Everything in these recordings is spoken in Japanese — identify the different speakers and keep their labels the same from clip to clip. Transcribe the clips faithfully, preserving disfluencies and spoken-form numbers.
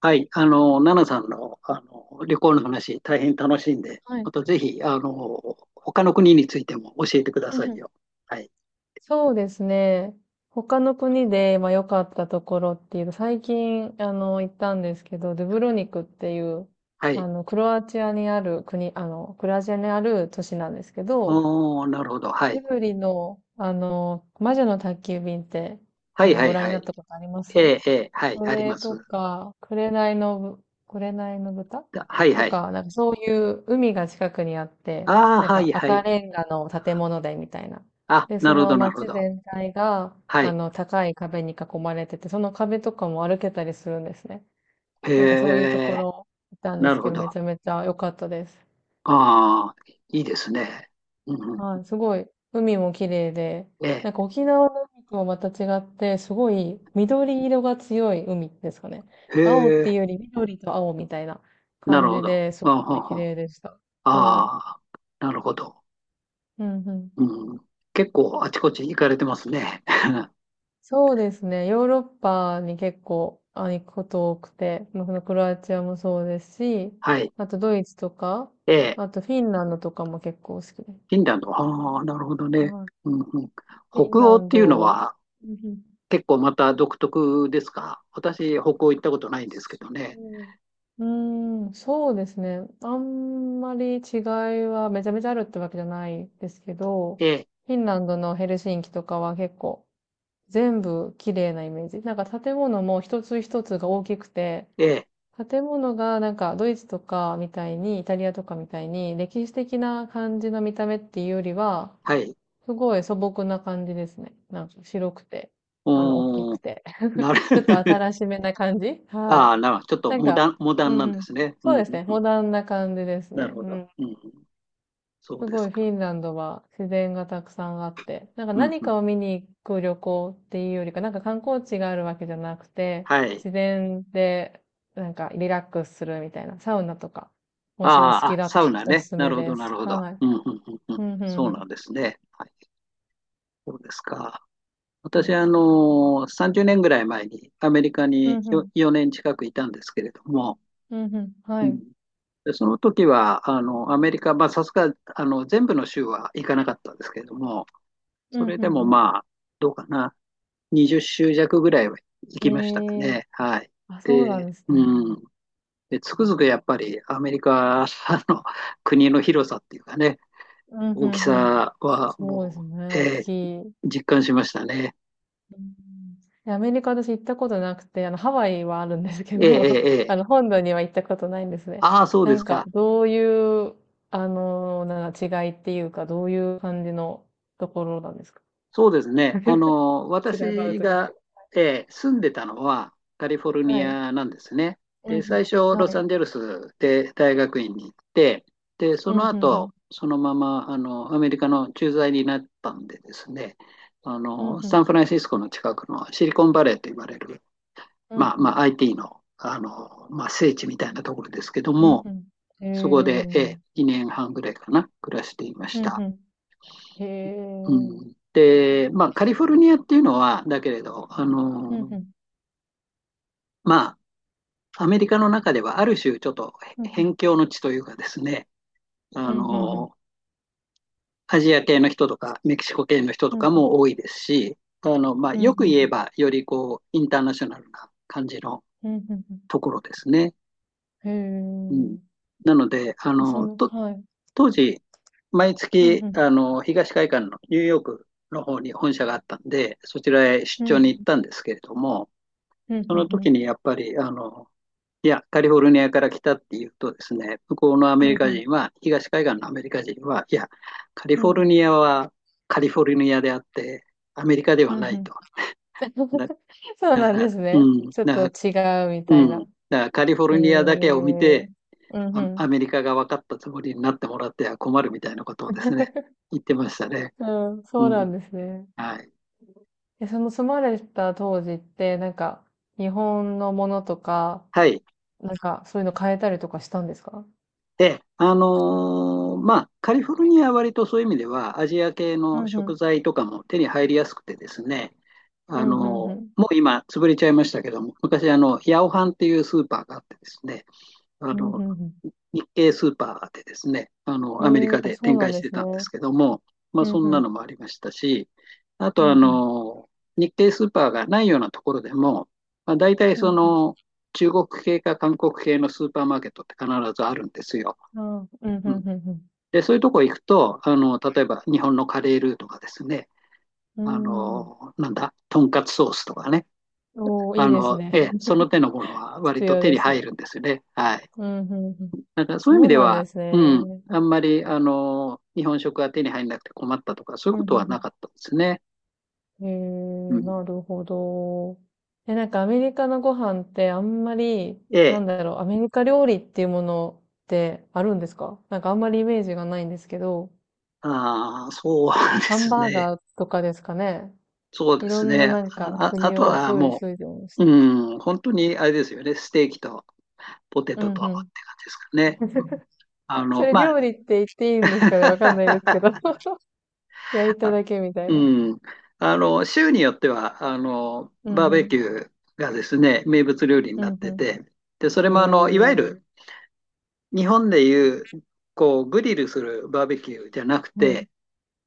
Speaker 1: はい、あの、奈々さんの、あの旅行の話、大変楽しいんで、
Speaker 2: は
Speaker 1: ま
Speaker 2: い。
Speaker 1: たぜひ、あの、他の国についても教えてくだ
Speaker 2: う
Speaker 1: さ
Speaker 2: んう
Speaker 1: い
Speaker 2: ん。
Speaker 1: よ。はい、
Speaker 2: そうですね。他の国で、まあ、良かったところっていうと、最近、あの、行ったんですけど、ドゥブロニクっていう、
Speaker 1: は
Speaker 2: あ
Speaker 1: い。
Speaker 2: の、クロアチアにある国、あの、クロアチアにある都市なんですけど、
Speaker 1: おー、なるほど。はい。
Speaker 2: ジブリの、あの、魔女の宅急便って、
Speaker 1: は
Speaker 2: あ
Speaker 1: い、
Speaker 2: の、
Speaker 1: は
Speaker 2: ご
Speaker 1: い、
Speaker 2: 覧に
Speaker 1: は
Speaker 2: なっ
Speaker 1: い。
Speaker 2: たことあります？
Speaker 1: ええ、ええ、はい、
Speaker 2: そ
Speaker 1: あり
Speaker 2: れ
Speaker 1: ま
Speaker 2: と
Speaker 1: す。
Speaker 2: か、紅のぶ、紅の豚
Speaker 1: だはい、
Speaker 2: と
Speaker 1: はい。
Speaker 2: か、なんかそういう海が近くにあって、
Speaker 1: ああ、
Speaker 2: なん
Speaker 1: は
Speaker 2: か
Speaker 1: い、は
Speaker 2: 赤
Speaker 1: い。
Speaker 2: レンガの建物でみたいな。
Speaker 1: あ、
Speaker 2: で、
Speaker 1: な
Speaker 2: そ
Speaker 1: るほ
Speaker 2: の
Speaker 1: ど、なるほ
Speaker 2: 街
Speaker 1: ど。
Speaker 2: 全体が、
Speaker 1: は
Speaker 2: あ
Speaker 1: い。
Speaker 2: の、高い壁に囲まれてて、その壁とかも歩けたりするんですね。
Speaker 1: へ
Speaker 2: なんかそういうとこ
Speaker 1: え、
Speaker 2: ろ行ったんで
Speaker 1: な
Speaker 2: す
Speaker 1: るほ
Speaker 2: けど、
Speaker 1: ど。
Speaker 2: め
Speaker 1: あ
Speaker 2: ちゃめちゃ良かったです。
Speaker 1: あ、いいですね。うんう
Speaker 2: は
Speaker 1: ん、
Speaker 2: い、すごい、海も綺麗で、
Speaker 1: ええ、
Speaker 2: なんか沖縄の海とはまた違って、すごい緑色が強い海ですかね。
Speaker 1: へ
Speaker 2: 青っていう
Speaker 1: え、
Speaker 2: より緑と青みたいな
Speaker 1: なる
Speaker 2: 感
Speaker 1: ほ
Speaker 2: じ
Speaker 1: ど。
Speaker 2: で、すごい綺
Speaker 1: あ
Speaker 2: 麗でした。
Speaker 1: あ、
Speaker 2: はい。
Speaker 1: ああ、なるほど。
Speaker 2: うんうん。
Speaker 1: うん、結構あちこち行かれてますね。
Speaker 2: そうですね。ヨーロッパに結構あ行くこと多くて、まあそのクロアチアもそうですし、
Speaker 1: はい。
Speaker 2: あとドイツとか、
Speaker 1: ええ、
Speaker 2: あとフィンランドとかも結構好きです。
Speaker 1: フィンランド。ああ、なるほどね。
Speaker 2: はい。
Speaker 1: うんうん、
Speaker 2: フィン
Speaker 1: 北欧
Speaker 2: ラ
Speaker 1: っ
Speaker 2: ン
Speaker 1: ていうの
Speaker 2: ド、う
Speaker 1: は
Speaker 2: んうん
Speaker 1: 結構また独特ですか？私、北欧行ったことないんですけどね。
Speaker 2: そう。うーん、そうですね。あんまり違いはめちゃめちゃあるってわけじゃないですけど、
Speaker 1: ええ、
Speaker 2: フィンランドのヘルシンキとかは結構全部綺麗なイメージ。なんか建物も一つ一つが大きくて、
Speaker 1: ええ、
Speaker 2: 建物がなんかドイツとかみたいに、イタリアとかみたいに歴史的な感じの見た目っていうよりは、
Speaker 1: はい。
Speaker 2: すごい素朴な感じですね。なんか白くて、
Speaker 1: う
Speaker 2: あの、大き
Speaker 1: ー
Speaker 2: く
Speaker 1: ん、
Speaker 2: て。
Speaker 1: なる
Speaker 2: ちょっと新し めな感じ。は
Speaker 1: あ
Speaker 2: い。
Speaker 1: あ、なるちょっと
Speaker 2: なん
Speaker 1: モ
Speaker 2: か、
Speaker 1: ダン、モダ
Speaker 2: う
Speaker 1: ン
Speaker 2: ん
Speaker 1: なん
Speaker 2: う
Speaker 1: で
Speaker 2: ん。
Speaker 1: すね。う
Speaker 2: そ
Speaker 1: ん
Speaker 2: う
Speaker 1: うん
Speaker 2: ですね。
Speaker 1: うん、
Speaker 2: モダンな感じです
Speaker 1: な
Speaker 2: ね。
Speaker 1: るほ
Speaker 2: う
Speaker 1: ど、
Speaker 2: ん。
Speaker 1: うんうん。そう
Speaker 2: す
Speaker 1: です
Speaker 2: ごいフ
Speaker 1: か。
Speaker 2: ィンランドは自然がたくさんあって、なんか
Speaker 1: うん
Speaker 2: 何
Speaker 1: うん、
Speaker 2: かを見に行く旅行っていうよりか、なんか観光地があるわけじゃなくて、
Speaker 1: はい。
Speaker 2: 自然でなんかリラックスするみたいな、サウナとか、
Speaker 1: あ
Speaker 2: もしお好
Speaker 1: あ、
Speaker 2: き
Speaker 1: あ
Speaker 2: だっ
Speaker 1: サ
Speaker 2: た
Speaker 1: ウ
Speaker 2: ら
Speaker 1: ナ
Speaker 2: お
Speaker 1: ね。
Speaker 2: すす
Speaker 1: な
Speaker 2: め
Speaker 1: るほ
Speaker 2: で
Speaker 1: ど、な
Speaker 2: す。
Speaker 1: るほど。
Speaker 2: はい。
Speaker 1: うんうんうんう
Speaker 2: う
Speaker 1: ん、
Speaker 2: ん、うん、
Speaker 1: そうな
Speaker 2: う
Speaker 1: んですね。はい、そうですか。
Speaker 2: ん。
Speaker 1: 私
Speaker 2: いいで
Speaker 1: はあ
Speaker 2: すね。
Speaker 1: の、さんじゅうねんぐらい前にアメリカ
Speaker 2: うん、
Speaker 1: に
Speaker 2: う
Speaker 1: よ
Speaker 2: ん、
Speaker 1: よねん近くいたんですけれども、
Speaker 2: うん、うん。は
Speaker 1: うん、
Speaker 2: い。
Speaker 1: でその時は、あの、アメリカ、まあ、さすが、あの、全部の州は行かなかったんですけれども、
Speaker 2: う
Speaker 1: そ
Speaker 2: ん、う
Speaker 1: れでも
Speaker 2: ん、
Speaker 1: まあ、どうかな、にじゅっしゅう州弱ぐらいは行
Speaker 2: う
Speaker 1: き
Speaker 2: ん。
Speaker 1: ましたか
Speaker 2: ええー、
Speaker 1: ね。はい。
Speaker 2: あ、そうな
Speaker 1: で、
Speaker 2: んですね。
Speaker 1: うん。で、つくづくやっぱりアメリカの国の広さっていうかね、
Speaker 2: うん、うん
Speaker 1: 大き
Speaker 2: うん。
Speaker 1: さは
Speaker 2: そうです
Speaker 1: も
Speaker 2: ね、
Speaker 1: う、
Speaker 2: おっ
Speaker 1: え
Speaker 2: き
Speaker 1: ー
Speaker 2: い。う
Speaker 1: 実感しましたね。
Speaker 2: ん。で、アメリカ私行ったことなくて、あの、ハワイはあるんですけ
Speaker 1: ええ
Speaker 2: ど、
Speaker 1: え ええ
Speaker 2: あ
Speaker 1: え
Speaker 2: の、本土には行ったことないんですね。
Speaker 1: ああ、そう
Speaker 2: な
Speaker 1: で
Speaker 2: ん
Speaker 1: す
Speaker 2: か、
Speaker 1: か。
Speaker 2: どういう、あの、なんか違いっていうか、どういう感じのところなんですか？
Speaker 1: そうですね。あ の、
Speaker 2: スライブアウ
Speaker 1: 私
Speaker 2: トです
Speaker 1: が、
Speaker 2: け
Speaker 1: えー住んでたのはカリフォル
Speaker 2: ど。
Speaker 1: ニ
Speaker 2: はい。
Speaker 1: アなんですね。
Speaker 2: うん
Speaker 1: で、
Speaker 2: うん。
Speaker 1: 最初、
Speaker 2: は
Speaker 1: ロサ
Speaker 2: い。
Speaker 1: ンゼルスで大学院に行って、で、そ
Speaker 2: うんう
Speaker 1: の
Speaker 2: んうん。
Speaker 1: 後、そのまま、あの、アメリカの駐在になったんでですね、あ
Speaker 2: うん
Speaker 1: の、
Speaker 2: う
Speaker 1: サ
Speaker 2: ん。
Speaker 1: ンフランシスコの近くのシリコンバレーと言われる、
Speaker 2: うんう
Speaker 1: まあ、
Speaker 2: ん。
Speaker 1: まあ、アイティー の、あの、まあ、聖地みたいなところですけど
Speaker 2: うん
Speaker 1: も、
Speaker 2: ふん。へ
Speaker 1: そこ
Speaker 2: え。
Speaker 1: で、え
Speaker 2: う
Speaker 1: ー
Speaker 2: ん
Speaker 1: にねんはんぐらいかな、暮らしていま
Speaker 2: う
Speaker 1: した。
Speaker 2: ん。へえ。
Speaker 1: う
Speaker 2: うん
Speaker 1: ん、で、まあ、カリフォルニアっていうのは、だけれど、あ
Speaker 2: う
Speaker 1: の、
Speaker 2: ん。
Speaker 1: まあ、アメリカの中ではある種、ちょっと
Speaker 2: うんうん。
Speaker 1: 辺境の地というかですね、
Speaker 2: う
Speaker 1: あ
Speaker 2: んうんうん。
Speaker 1: の、アジア系の人とか、メキシコ系の人
Speaker 2: う
Speaker 1: と
Speaker 2: んう
Speaker 1: か
Speaker 2: ん。
Speaker 1: も多いですし、あの、まあ、
Speaker 2: う
Speaker 1: よく言え
Speaker 2: ん。
Speaker 1: ば、よりこう、インターナショナルな感じの
Speaker 2: うん、うん
Speaker 1: ところですね。
Speaker 2: う
Speaker 1: う
Speaker 2: ん。
Speaker 1: ん。
Speaker 2: へえ。
Speaker 1: なので、あ
Speaker 2: で、そ
Speaker 1: の、
Speaker 2: の、
Speaker 1: と、
Speaker 2: はい。
Speaker 1: 当時、毎
Speaker 2: ふんふ
Speaker 1: 月、
Speaker 2: ん。
Speaker 1: あの、東海岸のニューヨークの方に本社があったんで、そちらへ出
Speaker 2: ふ
Speaker 1: 張
Speaker 2: んふ
Speaker 1: に行っ
Speaker 2: ん。
Speaker 1: たんですけれども、
Speaker 2: うん
Speaker 1: そ
Speaker 2: う
Speaker 1: の
Speaker 2: んう
Speaker 1: 時
Speaker 2: ん。
Speaker 1: にやっぱり、あの、いや、カリフォルニアから来たっていうとですね、向こうのアメ
Speaker 2: うん
Speaker 1: リカ
Speaker 2: うん。
Speaker 1: 人は、東海岸のアメリカ人は、いや、カリ
Speaker 2: うん
Speaker 1: フ
Speaker 2: う
Speaker 1: ォル
Speaker 2: ん。
Speaker 1: ニアはカリフォルニアであって、アメリカで
Speaker 2: う
Speaker 1: は
Speaker 2: ん
Speaker 1: な
Speaker 2: んん
Speaker 1: い
Speaker 2: ん
Speaker 1: と。だ、
Speaker 2: そう
Speaker 1: だか
Speaker 2: なん
Speaker 1: ら、
Speaker 2: ですね。
Speaker 1: うん、
Speaker 2: ちょっ
Speaker 1: だか
Speaker 2: と
Speaker 1: ら、
Speaker 2: 違うみた
Speaker 1: う
Speaker 2: い
Speaker 1: ん、
Speaker 2: な。
Speaker 1: だからカリフォ
Speaker 2: へ
Speaker 1: ル
Speaker 2: え。
Speaker 1: ニアだけを見て、
Speaker 2: うん
Speaker 1: ア、
Speaker 2: う
Speaker 1: ア
Speaker 2: ん。
Speaker 1: メリカが分かったつもりになってもらっては困るみたいなことをですね、言ってましたね。
Speaker 2: うん、
Speaker 1: う
Speaker 2: そうなん
Speaker 1: ん、
Speaker 2: ですね。
Speaker 1: はい。
Speaker 2: え、その住まれた当時って、なんか、日本のものとか、
Speaker 1: はい。
Speaker 2: なんか、そういうの変えたりとかしたんですか？
Speaker 1: で、あのーまあ、カリフォルニアは割とそういう意味では、アジア系
Speaker 2: う
Speaker 1: の
Speaker 2: んうん。
Speaker 1: 食材とかも手に入りやすくてですね、
Speaker 2: う
Speaker 1: あ
Speaker 2: んう
Speaker 1: の
Speaker 2: んう
Speaker 1: ー
Speaker 2: ん。
Speaker 1: もう今、潰れちゃいましたけども、昔、あの、ヤオハンっていうスーパーがあってですね、あ
Speaker 2: うんへん
Speaker 1: の、
Speaker 2: うん。
Speaker 1: 日系スーパーでですね、あの、
Speaker 2: え
Speaker 1: アメリ
Speaker 2: え
Speaker 1: カ
Speaker 2: あ、
Speaker 1: で
Speaker 2: そう
Speaker 1: 展
Speaker 2: なん
Speaker 1: 開し
Speaker 2: で
Speaker 1: て
Speaker 2: す
Speaker 1: たんで
Speaker 2: ね。
Speaker 1: すけども、ま
Speaker 2: う
Speaker 1: あ、
Speaker 2: ん
Speaker 1: そ
Speaker 2: う
Speaker 1: んなの
Speaker 2: ん。
Speaker 1: もありましたし、あ
Speaker 2: う
Speaker 1: と、
Speaker 2: ん
Speaker 1: あ
Speaker 2: うん。
Speaker 1: の、日系スーパーがないようなところでも、まあ、大体
Speaker 2: うん
Speaker 1: そ
Speaker 2: うん。
Speaker 1: の、中国系か韓国系のスーパーマーケットって必ずあるんですよ。
Speaker 2: あうん、うんう
Speaker 1: うん、
Speaker 2: んうん。
Speaker 1: で、そういうとこ行くと、あの、例えば日本のカレールーとかですね、
Speaker 2: うー
Speaker 1: あ
Speaker 2: ん。
Speaker 1: の、なんだ、とんかつソースとかね、
Speaker 2: おー、い
Speaker 1: あ
Speaker 2: いです
Speaker 1: の、
Speaker 2: ね。
Speaker 1: ええ、その 手のものは割
Speaker 2: 必
Speaker 1: と
Speaker 2: 要
Speaker 1: 手
Speaker 2: で
Speaker 1: に
Speaker 2: す
Speaker 1: 入
Speaker 2: ね。
Speaker 1: るんですよね。はい。
Speaker 2: うん、うんうん。
Speaker 1: だからそういう意
Speaker 2: そ
Speaker 1: 味
Speaker 2: う
Speaker 1: で
Speaker 2: なんで
Speaker 1: は、
Speaker 2: すね。
Speaker 1: うん、
Speaker 2: うん、
Speaker 1: あんまり、あの、日本食が手に入らなくて困ったとか、そういう
Speaker 2: う
Speaker 1: ことはな
Speaker 2: ん
Speaker 1: かったですね。
Speaker 2: うん。へ
Speaker 1: う
Speaker 2: え、
Speaker 1: ん。
Speaker 2: なるほど。え、なんかアメリカのご飯ってあんまり、
Speaker 1: え
Speaker 2: なん
Speaker 1: え、
Speaker 2: だろう、アメリカ料理っていうものってあるんですか？なんかあんまりイメージがないんですけど、
Speaker 1: ああ、そうで
Speaker 2: ハン
Speaker 1: す
Speaker 2: バー
Speaker 1: ね。
Speaker 2: ガーとかですかね。
Speaker 1: そう
Speaker 2: い
Speaker 1: で
Speaker 2: ろ
Speaker 1: す
Speaker 2: んな
Speaker 1: ね。
Speaker 2: なんか
Speaker 1: あ、ああ
Speaker 2: 国
Speaker 1: と
Speaker 2: を
Speaker 1: は
Speaker 2: フー
Speaker 1: も
Speaker 2: フージョンして。
Speaker 1: う、うん、本当にあれですよね、ステーキとポテ
Speaker 2: う
Speaker 1: トと
Speaker 2: ん、
Speaker 1: っ
Speaker 2: うん。
Speaker 1: て感じですかね。あ
Speaker 2: そ
Speaker 1: の、
Speaker 2: れ
Speaker 1: まあ、
Speaker 2: 料理って言っていいんですかね、わかんないですけど。焼いただけみたいな。
Speaker 1: うん。あの、州によっては、あの、
Speaker 2: う
Speaker 1: バ
Speaker 2: ん
Speaker 1: ー
Speaker 2: う
Speaker 1: ベ
Speaker 2: ん。
Speaker 1: キューがですね、名物料理に
Speaker 2: う
Speaker 1: なっ
Speaker 2: ん
Speaker 1: て
Speaker 2: う
Speaker 1: て、で、それ
Speaker 2: ん。
Speaker 1: もあの、いわゆ
Speaker 2: へえ。
Speaker 1: る日本でいう、こう、グリルするバーベキューじゃなく
Speaker 2: うん。
Speaker 1: て、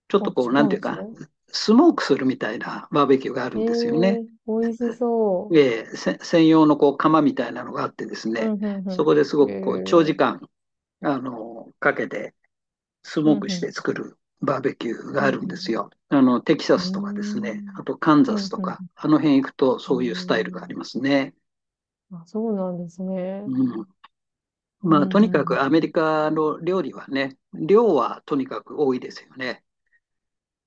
Speaker 1: ちょっ
Speaker 2: あ、違
Speaker 1: とこう、なん
Speaker 2: う
Speaker 1: て
Speaker 2: ん
Speaker 1: いう
Speaker 2: ですね。
Speaker 1: か、スモークするみたいなバーベキューがある
Speaker 2: へ
Speaker 1: んですよね。
Speaker 2: え、美味しそ
Speaker 1: えーせ専用のこう、窯みたいなのがあってです
Speaker 2: う。う
Speaker 1: ね、
Speaker 2: んうん
Speaker 1: そ
Speaker 2: う
Speaker 1: こです
Speaker 2: ん。
Speaker 1: ごくこう、長
Speaker 2: へ
Speaker 1: 時
Speaker 2: え。
Speaker 1: 間、あの、かけて、ス
Speaker 2: う
Speaker 1: モ
Speaker 2: ん
Speaker 1: ー
Speaker 2: う
Speaker 1: クし
Speaker 2: ん。
Speaker 1: て作るバーベキュー
Speaker 2: う
Speaker 1: があ
Speaker 2: ん
Speaker 1: るん
Speaker 2: う
Speaker 1: です
Speaker 2: ん
Speaker 1: よ。あの、テキサ
Speaker 2: う
Speaker 1: スとかですね、あ
Speaker 2: ん。
Speaker 1: とカン
Speaker 2: うーん。う
Speaker 1: ザス
Speaker 2: ん
Speaker 1: と
Speaker 2: う
Speaker 1: か、
Speaker 2: ん
Speaker 1: あの辺行くと
Speaker 2: うん。
Speaker 1: そういうスタイルがあ
Speaker 2: へ
Speaker 1: りま
Speaker 2: え。
Speaker 1: すね。
Speaker 2: あ、そうなんですね。
Speaker 1: うん。
Speaker 2: う
Speaker 1: まあ、
Speaker 2: んうん
Speaker 1: とにか
Speaker 2: う
Speaker 1: く
Speaker 2: ん。
Speaker 1: アメリカの料理はね、量はとにかく多いですよね。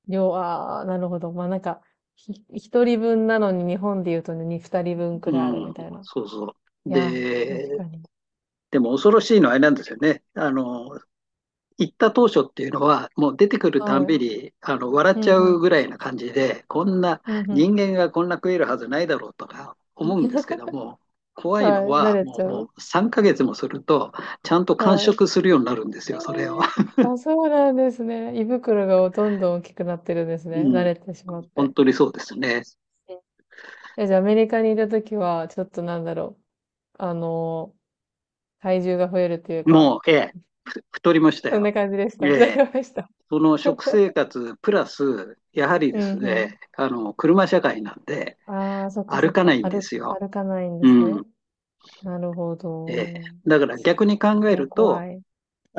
Speaker 2: 量、ああ、なるほど。まあなんか、ひ、ひとりぶんなのに日本で言うとね、にふたりぶんく
Speaker 1: う
Speaker 2: らいあるみ
Speaker 1: ん、
Speaker 2: たいな。
Speaker 1: そうそう。
Speaker 2: いやー、確か
Speaker 1: で、
Speaker 2: に。
Speaker 1: でも恐ろしいのはあれなんですよね。あの、行った当初っていうのは、もう出てくるたんび
Speaker 2: はい。
Speaker 1: にあの笑っ
Speaker 2: う
Speaker 1: ちゃ
Speaker 2: んう
Speaker 1: う
Speaker 2: ん。
Speaker 1: ぐらいな感じで、こんな
Speaker 2: うんうん。
Speaker 1: 人間がこんな食えるはずないだろうとか思うんですけども、怖い
Speaker 2: は
Speaker 1: の
Speaker 2: い。慣
Speaker 1: は
Speaker 2: れ
Speaker 1: も
Speaker 2: ちゃ
Speaker 1: う、も
Speaker 2: う。
Speaker 1: うさんかげつもすると、ちゃんと完
Speaker 2: はい。
Speaker 1: 食するようになるんです
Speaker 2: ええ
Speaker 1: よ、それを。
Speaker 2: あ、そうなんですね。胃袋がどんどん大きくなってるんですね。慣
Speaker 1: うん、
Speaker 2: れてしまっ
Speaker 1: 本
Speaker 2: て。
Speaker 1: 当にそうですね。
Speaker 2: え、じゃあアメリカにいたときは、ちょっとなんだろう。あのー体重が増えるというか、
Speaker 1: もう、ええ、ふ太りました
Speaker 2: そん
Speaker 1: よ。
Speaker 2: な感じでし
Speaker 1: え
Speaker 2: た。そう
Speaker 1: え、
Speaker 2: ました。
Speaker 1: その食生活プラス、やはり
Speaker 2: う
Speaker 1: です
Speaker 2: んうん。
Speaker 1: ね、あの車社会なんで、
Speaker 2: ああ、そっかそ
Speaker 1: 歩
Speaker 2: っ
Speaker 1: かな
Speaker 2: か。
Speaker 1: いんで
Speaker 2: 歩、
Speaker 1: すよ。
Speaker 2: 歩かないんです
Speaker 1: うん
Speaker 2: ね。なるほ
Speaker 1: ええ
Speaker 2: ど。
Speaker 1: だから
Speaker 2: 確
Speaker 1: 逆
Speaker 2: か
Speaker 1: に考え
Speaker 2: に。いや、
Speaker 1: ると、
Speaker 2: 怖い。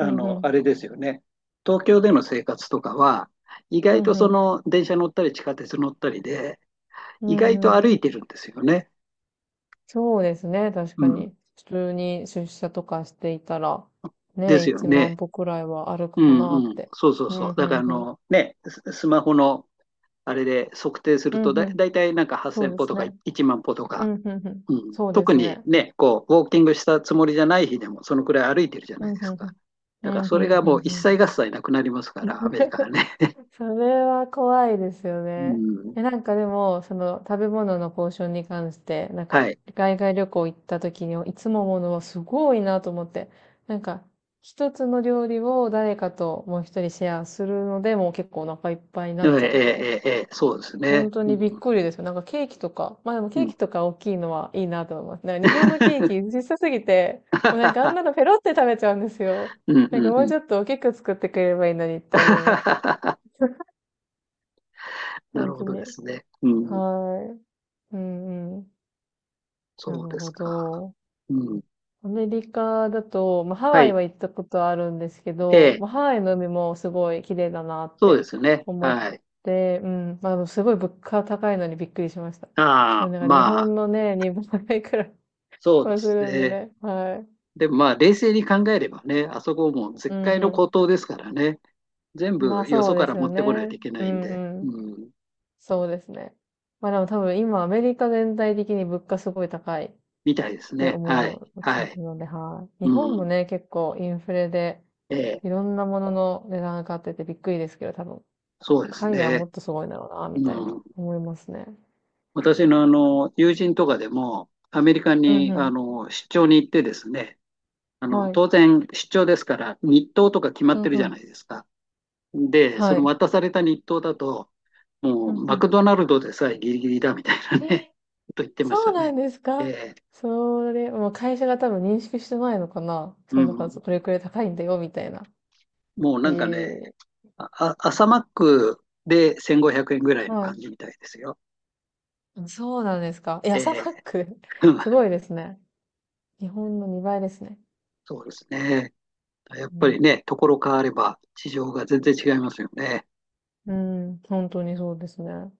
Speaker 2: うんう
Speaker 1: の、あ
Speaker 2: ん。
Speaker 1: れですよね。東京での生活とかは、意
Speaker 2: うん
Speaker 1: 外と
Speaker 2: う
Speaker 1: そ
Speaker 2: ん。
Speaker 1: の電車乗ったり地下鉄乗ったりで、
Speaker 2: う
Speaker 1: 意
Speaker 2: ん
Speaker 1: 外と
Speaker 2: う
Speaker 1: 歩
Speaker 2: ん。
Speaker 1: いてるんですよね。
Speaker 2: そうですね、確
Speaker 1: う
Speaker 2: か
Speaker 1: ん。
Speaker 2: に。普通に出社とかしていたら、
Speaker 1: で
Speaker 2: ね、
Speaker 1: すよ
Speaker 2: いちまん
Speaker 1: ね。
Speaker 2: 歩くらいは歩
Speaker 1: う
Speaker 2: くかな
Speaker 1: んう
Speaker 2: っ
Speaker 1: ん。
Speaker 2: て。
Speaker 1: そうそう
Speaker 2: う
Speaker 1: そう。
Speaker 2: ん、う
Speaker 1: だからあ
Speaker 2: ん、うん。
Speaker 1: の、ね、ススマホのあれで測定す
Speaker 2: う
Speaker 1: る
Speaker 2: ん、
Speaker 1: と
Speaker 2: う
Speaker 1: だ、だ
Speaker 2: ん。
Speaker 1: いたいなんか
Speaker 2: そう
Speaker 1: はっせん
Speaker 2: で
Speaker 1: 歩と
Speaker 2: す
Speaker 1: か
Speaker 2: ね。
Speaker 1: いちまん歩と
Speaker 2: う
Speaker 1: か、
Speaker 2: ん、うん、うん。
Speaker 1: うん。
Speaker 2: そうで
Speaker 1: 特
Speaker 2: す
Speaker 1: に
Speaker 2: ね。
Speaker 1: ね、こう、ウォーキングしたつもりじゃない日でも、そのくらい歩いてるじゃ
Speaker 2: う
Speaker 1: ない
Speaker 2: ん、う
Speaker 1: で
Speaker 2: ん、
Speaker 1: す
Speaker 2: う
Speaker 1: か。
Speaker 2: ん。う
Speaker 1: だから
Speaker 2: ん、
Speaker 1: そ
Speaker 2: う
Speaker 1: れ
Speaker 2: ん、
Speaker 1: がもう一
Speaker 2: うん、
Speaker 1: 切合切なくなりますから、
Speaker 2: う
Speaker 1: アメリカ
Speaker 2: ん。
Speaker 1: はね。
Speaker 2: それは怖いですよ
Speaker 1: う
Speaker 2: ね。
Speaker 1: ん。
Speaker 2: え、なんかでも、その食べ物のポーションに関して、なん
Speaker 1: は
Speaker 2: か
Speaker 1: い。
Speaker 2: 海外旅行行った時にいつもものはすごいなと思って、なんか一つの料理を誰かともうひとりシェアするので、もう結構お腹いっぱいにな
Speaker 1: ええ、
Speaker 2: っちゃうので、
Speaker 1: ええ、ええ、そうです
Speaker 2: 本
Speaker 1: ね。
Speaker 2: 当
Speaker 1: うん、
Speaker 2: にびっくりですよ。なんかケーキとか、まあでも
Speaker 1: う
Speaker 2: ケー
Speaker 1: ん。
Speaker 2: キとか大きいのはいいなと思います。なんか日本のケーキ小さすぎて、もうなんかあん なのペロって食べちゃうんですよ。
Speaker 1: うん、
Speaker 2: な
Speaker 1: う
Speaker 2: んか
Speaker 1: ん、
Speaker 2: も
Speaker 1: う
Speaker 2: う
Speaker 1: ん。
Speaker 2: ちょっと大きく作ってくれればいいのにって思います。
Speaker 1: な
Speaker 2: 本
Speaker 1: る
Speaker 2: 当
Speaker 1: ほどで
Speaker 2: に。
Speaker 1: すね。うん。
Speaker 2: はい。うんうん。な
Speaker 1: そう
Speaker 2: る
Speaker 1: です
Speaker 2: ほ
Speaker 1: か。
Speaker 2: ど。
Speaker 1: うん。
Speaker 2: アメリカだと、まあ、ハ
Speaker 1: は
Speaker 2: ワイ
Speaker 1: い。
Speaker 2: は行ったことあるんですけ
Speaker 1: え
Speaker 2: ど、
Speaker 1: え、
Speaker 2: まあ、ハワイの海もすごい綺麗だなっ
Speaker 1: そう
Speaker 2: て
Speaker 1: ですね。
Speaker 2: 思っ
Speaker 1: はい。
Speaker 2: て、うん。まあ、でもすごい物価高いのにびっくりしました。もう
Speaker 1: ああ、
Speaker 2: なんか日
Speaker 1: まあ、
Speaker 2: 本のね、にばいくらい
Speaker 1: そうで
Speaker 2: はす
Speaker 1: す
Speaker 2: るんで
Speaker 1: ね。
Speaker 2: ね。はい。
Speaker 1: でもまあ、冷静に考えればね、あそこも
Speaker 2: う
Speaker 1: 絶
Speaker 2: ん
Speaker 1: 海の
Speaker 2: う
Speaker 1: 孤島ですからね。全
Speaker 2: ん。まあ
Speaker 1: 部よ
Speaker 2: そ
Speaker 1: そ
Speaker 2: うで
Speaker 1: から
Speaker 2: す
Speaker 1: 持
Speaker 2: よ
Speaker 1: ってこないと
Speaker 2: ね。
Speaker 1: いけな
Speaker 2: う
Speaker 1: いん
Speaker 2: ん
Speaker 1: で、
Speaker 2: うん。
Speaker 1: うん。
Speaker 2: そうですね。まあでも多分今アメリカ全体的に物価すごい高いっ
Speaker 1: みたいです
Speaker 2: て
Speaker 1: ね。はい。
Speaker 2: 思
Speaker 1: は
Speaker 2: う
Speaker 1: い。
Speaker 2: ので、はい。日
Speaker 1: う
Speaker 2: 本も
Speaker 1: ん。
Speaker 2: ね、結構インフレで、
Speaker 1: ええ、
Speaker 2: いろんなものの値段上がっててびっくりですけど、多分、
Speaker 1: そうです
Speaker 2: 海外はも
Speaker 1: ね。
Speaker 2: っとすごいんだろうな、みたい
Speaker 1: う
Speaker 2: な、
Speaker 1: ん。
Speaker 2: 思いますね。
Speaker 1: 私のあの、友人とかでも、アメリカ
Speaker 2: うん
Speaker 1: に
Speaker 2: う
Speaker 1: あ
Speaker 2: ん。
Speaker 1: の、出張に行ってですね、あの、
Speaker 2: はい。
Speaker 1: 当然出張ですから、日当とか決ま
Speaker 2: う
Speaker 1: っ
Speaker 2: ん
Speaker 1: てるじ
Speaker 2: う
Speaker 1: ゃな
Speaker 2: ん。
Speaker 1: いですか。で、そ
Speaker 2: は
Speaker 1: の
Speaker 2: い。
Speaker 1: 渡された日当だと、も
Speaker 2: うん
Speaker 1: う
Speaker 2: う
Speaker 1: マ
Speaker 2: ん。
Speaker 1: クドナルドでさえギリギリだみたいな
Speaker 2: え、
Speaker 1: ね、と言ってまし
Speaker 2: そ
Speaker 1: た
Speaker 2: うな
Speaker 1: ね。
Speaker 2: んですか？
Speaker 1: えー
Speaker 2: それ、もう会社が多分認識してないのかな、
Speaker 1: う
Speaker 2: その中、
Speaker 1: ん、
Speaker 2: これくらい高いんだよ、みたいな。
Speaker 1: もう
Speaker 2: へ
Speaker 1: なんかね、
Speaker 2: え。
Speaker 1: あ、朝マックでせんごひゃくえんぐらいの
Speaker 2: は
Speaker 1: 感
Speaker 2: い。
Speaker 1: じみたいですよ。
Speaker 2: あ、そうなんですか？え、
Speaker 1: え
Speaker 2: 朝マ
Speaker 1: ー
Speaker 2: ック、す ごいですね。日本のにばいですね。
Speaker 1: そうですね。やっ
Speaker 2: う
Speaker 1: ぱり
Speaker 2: ん
Speaker 1: ね、ところ変われば事情が全然違いますよね。
Speaker 2: うん、本当にそうですね。